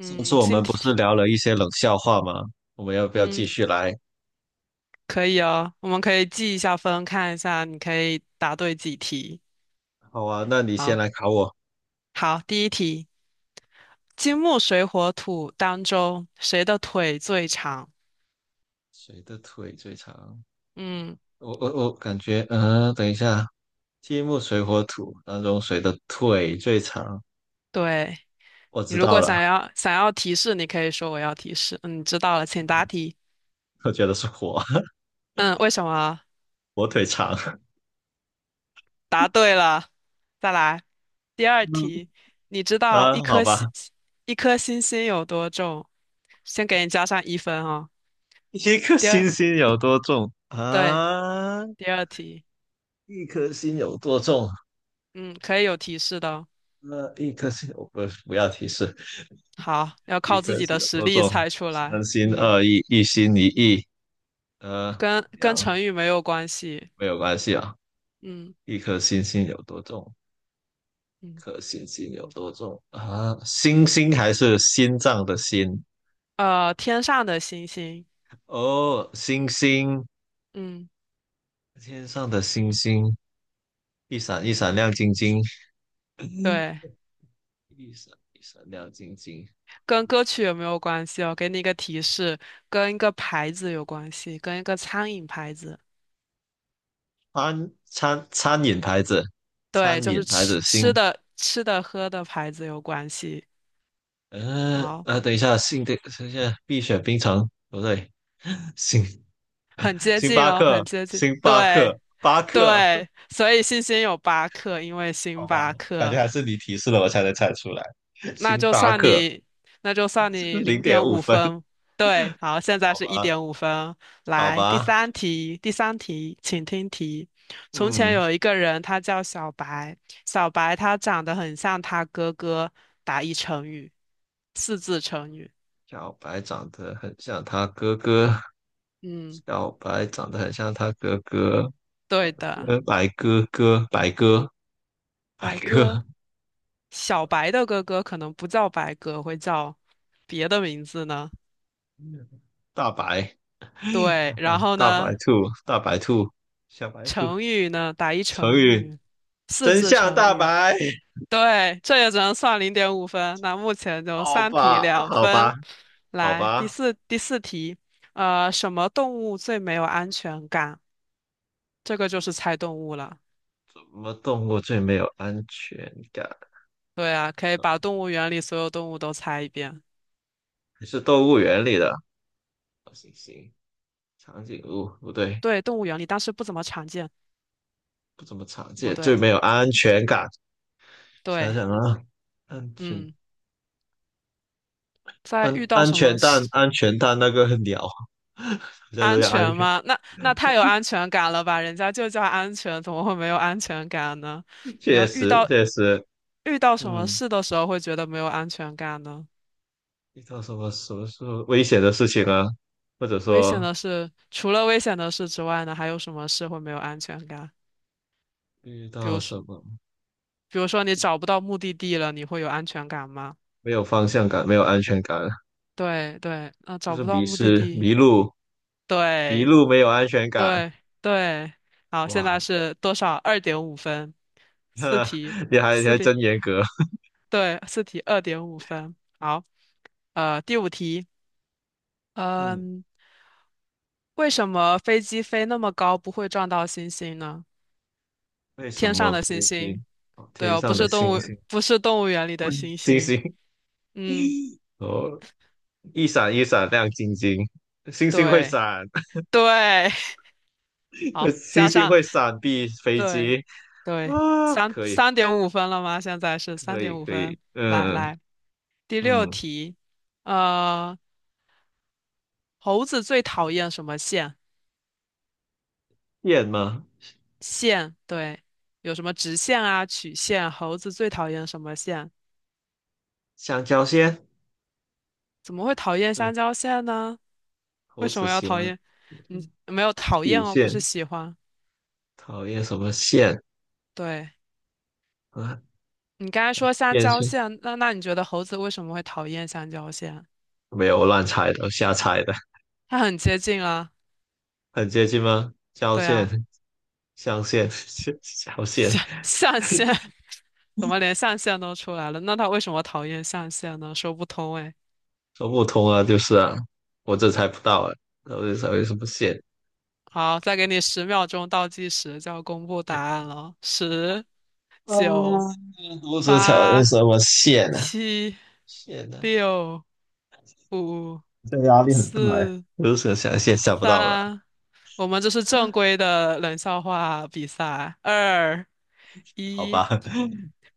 上次我今们天，不是聊了一些冷笑话吗？我们要不要嗯，继续来？可以哦，我们可以记一下分，看一下你可以答对几题。好啊，那你先好，来考我。好，第一题，金木水火土当中，谁的腿最长？谁的腿最长？嗯，我感觉，等一下，金木水火土当中谁的腿最长？对，我你知如道果了，想要提示，你可以说我要提示。嗯，你知道了，请答题。我觉得是火，嗯，为什么？火腿肠。答对了，再来。第二嗯题，你知道啊，一好颗星吧，一颗星星有多重？先给你加上1分哦。一颗第二，星星有多重对，啊？第二题。一颗星有多重？嗯，可以有提示的哦。那、一颗星，我不要提示，好，要一靠自颗己星的有实多力重？猜出三来。心嗯，二意，一心一意。呃，跟两成语没有关系。没有关系啊。嗯一颗星星有多重？一嗯，颗星星有多重啊？星星还是心脏的心？天上的星星。哦，星星，嗯，天上的星星，一闪一闪亮晶晶，嗯，对，一闪一闪亮晶晶。跟歌曲有没有关系哦？给你一个提示，跟一个牌子有关系，跟一个餐饮牌子。餐饮牌子，对，餐就饮是牌子星，吃的、喝的牌子有关系。哦，等一下，星的，等一下，碧雪冰城不对，星很接近了，很接近。星巴对克，巴克，对，所以星星有8颗，因为好星吧，巴感觉克。还是你提示了我才能猜出来。那星就巴算克 你，那就算 你零零点点五五分，分。对，好，现在好是一吧，点五分。好来，第吧，三题，第三题，请听题。从前嗯，有一个人，他叫小白，小白他长得很像他哥哥。打一成语，四字成语。小白长得很像他哥哥，嗯，小白长得很像他哥哥，对的，呃，白哥哥，白哥，白白鸽。哥，小白的哥哥可能不叫白鸽，会叫别的名字呢。大白，大对，白，然后大白呢，兔，大白兔，小白兔，成语呢，打一成成语语，四真字相成大语。白，对，这也只能算零点五分。那目前就好三题吧，两好吧，分。好来，第吧，四第四题，什么动物最没有安全感？这个就是猜动物了。什么动物最没有安全感？对啊，可以把动物园里所有动物都猜一遍。你是动物园里的行，长颈鹿不对，对，动物园里，但是不怎么常见。不怎么常不见，最对，没有安全感。想对，想啊，安全嗯，在遇到什么事安全蛋那个鸟，这都安叫安全全，吗？那太有安全感了吧？人家就叫安全，怎么会没有安全感呢？你确要遇实到确实，遇到什么嗯，事的时候会觉得没有安全感呢？遇到什么时候危险的事情啊，或者危险说的事，除了危险的事之外呢，还有什么事会没有安全感？遇比到如说，什么比如说你找不到目的地了，你会有安全感吗？没有方向感、没有安全感，对对，啊，就找是不到迷目的失、地，迷路、迷对路没有安全感，对对。好，现在哇，是多少？二点五分，四题，你还你四还题，真严格，对，四题二点五分。好，第五题，嗯。嗯，为什么飞机飞那么高不会撞到星星呢？为什天上么的星飞机？星。哦对天哦，不上的是动星物，星，不是动物园里的嗯猩星猩。星，嗯，哦，一闪一闪亮晶晶，星星会对闪，对，好，星加星上会闪避飞对机对，啊！三可以，三点五分了吗？现在是三可以，点五可以，分。来嗯来，第六嗯，题，呃，猴子最讨厌什么线？燕吗？线，对，有什么直线啊、曲线？猴子最讨厌什么线？香蕉线，怎么会讨厌对，香蕉线呢？为猴什子么要喜讨欢厌？嗯，没有讨厌曲哦，不是线，喜欢。讨厌什么线对。啊？你刚才说香电蕉线线，那你觉得猴子为什么会讨厌香蕉线？没有我乱猜的，我瞎猜的，它很接近啊，很接近吗？交对啊，线、象线、小线。象限 怎么连象限都出来了？那它为什么讨厌象限呢？说不通哎。说不通啊，就是啊，我这猜不到啊，到底什为什么线？好，再给你十秒钟倒计时，就要公布答案了。十、九、嗯，如蛇桥有八、什么线呢、啊七、线呢、啊六、五、这压力很大哎，四、此蛇桥线想不到了，三，我们这是正规的冷笑话比赛。二，好一，吧，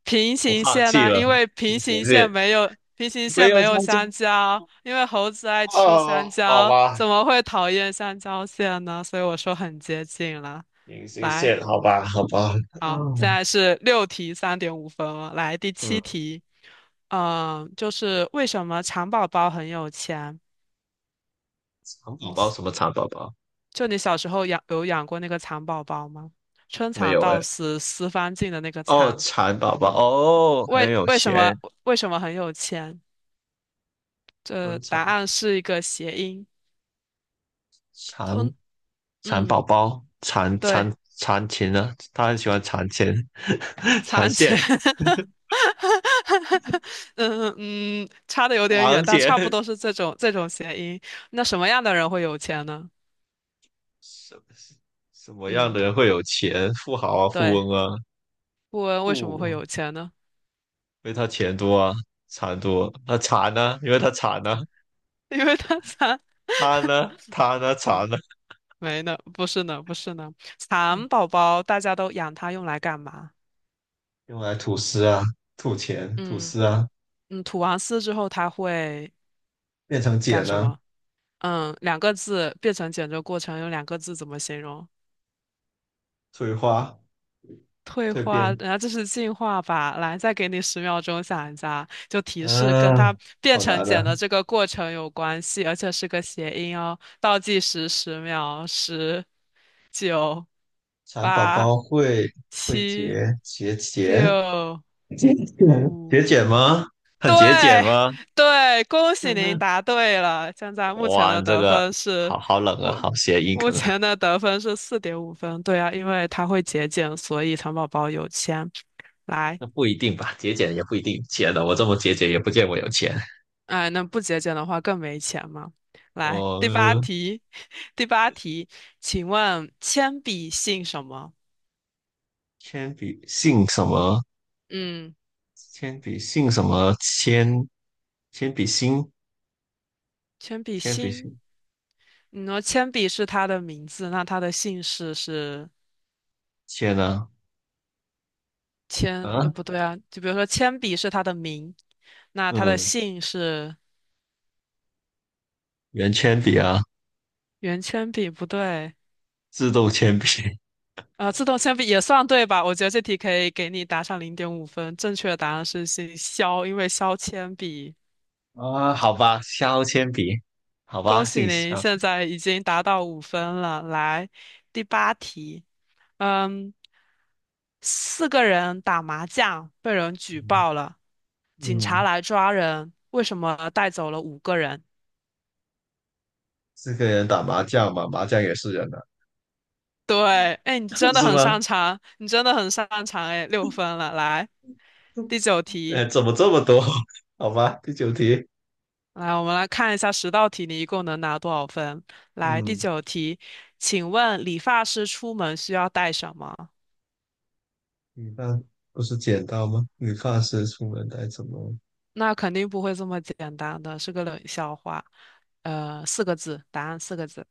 平我行放线弃呢、了。因为隐平形行线线没有平行没线有没有相近香蕉，因为猴子爱吃香哦，好蕉，吧，怎么会讨厌香蕉线呢？所以我说很接近了。隐形来，线，好吧，好吧，好，哦，现在是六题三点五分了。来，第嗯，七题，嗯，就是为什么蚕宝宝很有钱？嗯，蚕宝宝就你小时候有养过那个蚕宝宝吗？春没蚕有到哎？死丝方尽的那个哦，蚕，蚕宝宝哦，很为有为什么钱，为什么很有钱？这温答蚕案是一个谐音，蚕通蚕宝嗯宝，蚕对，蚕蚕钱呢？他很喜欢蚕钱、蚕蚕钱，线、嗯嗯，差的有点藏远，但差不钱。多是这种谐音。那什么样的人会有钱呢？什么什么样嗯，的人会有钱？富豪啊，富对，翁啊，富翁为什么会富，有钱呢？因为他钱多啊，蚕多。那蚕呢？因为他蚕呢、因为他蚕 他呢？他呢？嗯。蚕呢？没呢，不是呢，不是呢。蚕宝宝大家都养它用来干嘛？用来吐丝啊，吐钱，吐嗯丝啊，嗯，吐完丝之后它会变成茧干什呢、啊，么？嗯，两个字，变成简的过程用两个字怎么形容？退化、退蜕化，变。然后这是进化吧？来，再给你十秒钟想一下，就提示跟啊，它变好成难茧的。的这个过程有关系，而且是个谐音哦。倒计时十秒，十、九、蚕宝八、宝会会七、节节俭六、节俭五。节俭吗？很节俭对吗？对，恭喜嗯您哼，答对了。现在目前哇，的这得个分是，好冷啊，我好谐音目梗啊。前的得分是4.5分。对啊，因为它会节俭，所以糖宝宝有钱。来，那不一定吧，节俭也不一定钱的。我这么节俭也不见我有钱。哎，那不节俭的话更没钱嘛。来，哦，第八题，第八题，请问铅笔姓什么？铅笔姓什么？嗯，铅笔姓什么？铅笔芯，铅笔铅笔姓，芯，你说铅笔是他的名字，那他的姓氏是？铅啊铅，啊，不对啊，就比如说铅笔是他的名，那他的嗯，姓是圆铅笔啊，圆铅笔，不对，自动铅笔。自动铅笔也算对吧？我觉得这题可以给你打上零点五分。正确的答案是姓肖，因为削铅笔。啊，好吧，削铅笔，好吧，恭喜姓您，削，现在已经达到五分了。来，第八题，嗯，四个人打麻将被人举报了，警察嗯，来抓人，为什么带走了五个人？四个人打麻将嘛，麻将也是人啊。对，哎，你 真的是很吗？擅长，你真的很擅长，哎，6分了，来，第九题，哎，怎么这么多？好吧，第九题，来，我们来看一下十道题，你一共能拿多少分？来，第嗯，九题，请问理发师出门需要带什么？理发不是剪刀吗？理发师出门带什么？那肯定不会这么简单的，是个冷笑话。四个字，答案四个字。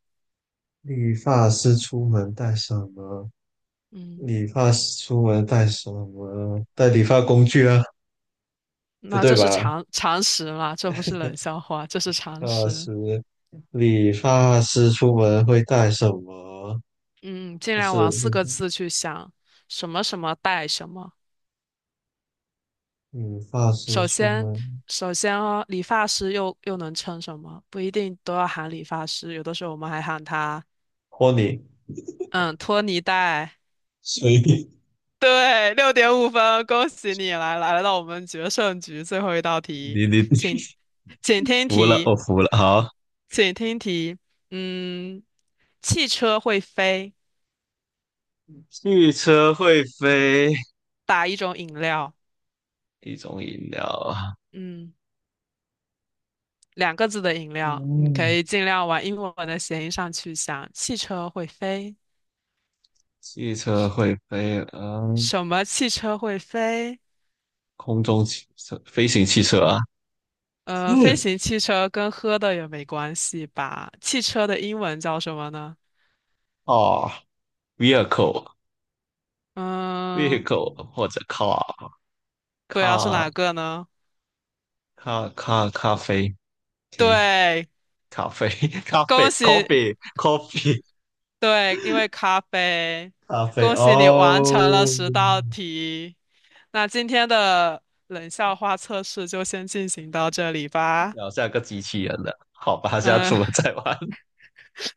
理发师出门带什么？嗯，理发师出门带什么？带理发工具啊？不那对这是吧？常识嘛？这不是冷笑话，这是常那识。是理发师出门会带什么？嗯，尽不量是往四理个字去想，什么什么带什么。理发师首出先，门。首先哦，理发师又能称什么？不一定都要喊理发师，有的时候我们还喊他，托尼，嗯，托尼戴。随以对，6.5分，恭喜你来到我们决胜局最后一道题，你，请请听服了，题，我服了。好，请听题。嗯，汽车会飞，汽车会飞，打一种饮料，一种饮料啊。嗯，两个字的饮料，你可嗯，以尽量往英文的谐音上去想。汽车会飞，汽车会飞，嗯，什么汽车会飞？空中汽车，飞行汽车啊。飞嗯，行汽车跟喝的也没关系吧？汽车的英文叫什么呢？哦，vehicle 嗯，vehicle 或者 对啊，是 car 哪个呢？car 咖啡，OK，对，咖啡 咖啡 恭喜，coffee 对，因为咖啡，咖啡恭喜你完成哦，了十道题。那今天的冷笑话测试就先进行到这里吧。聊下个机器人了，好吧，下次嗯，我们再玩。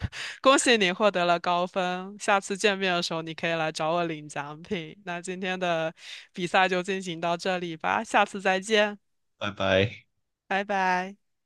恭喜你获得了高分，下次见面的时候你可以来找我领奖品。那今天的比赛就进行到这里吧，下次再见。拜拜。拜拜。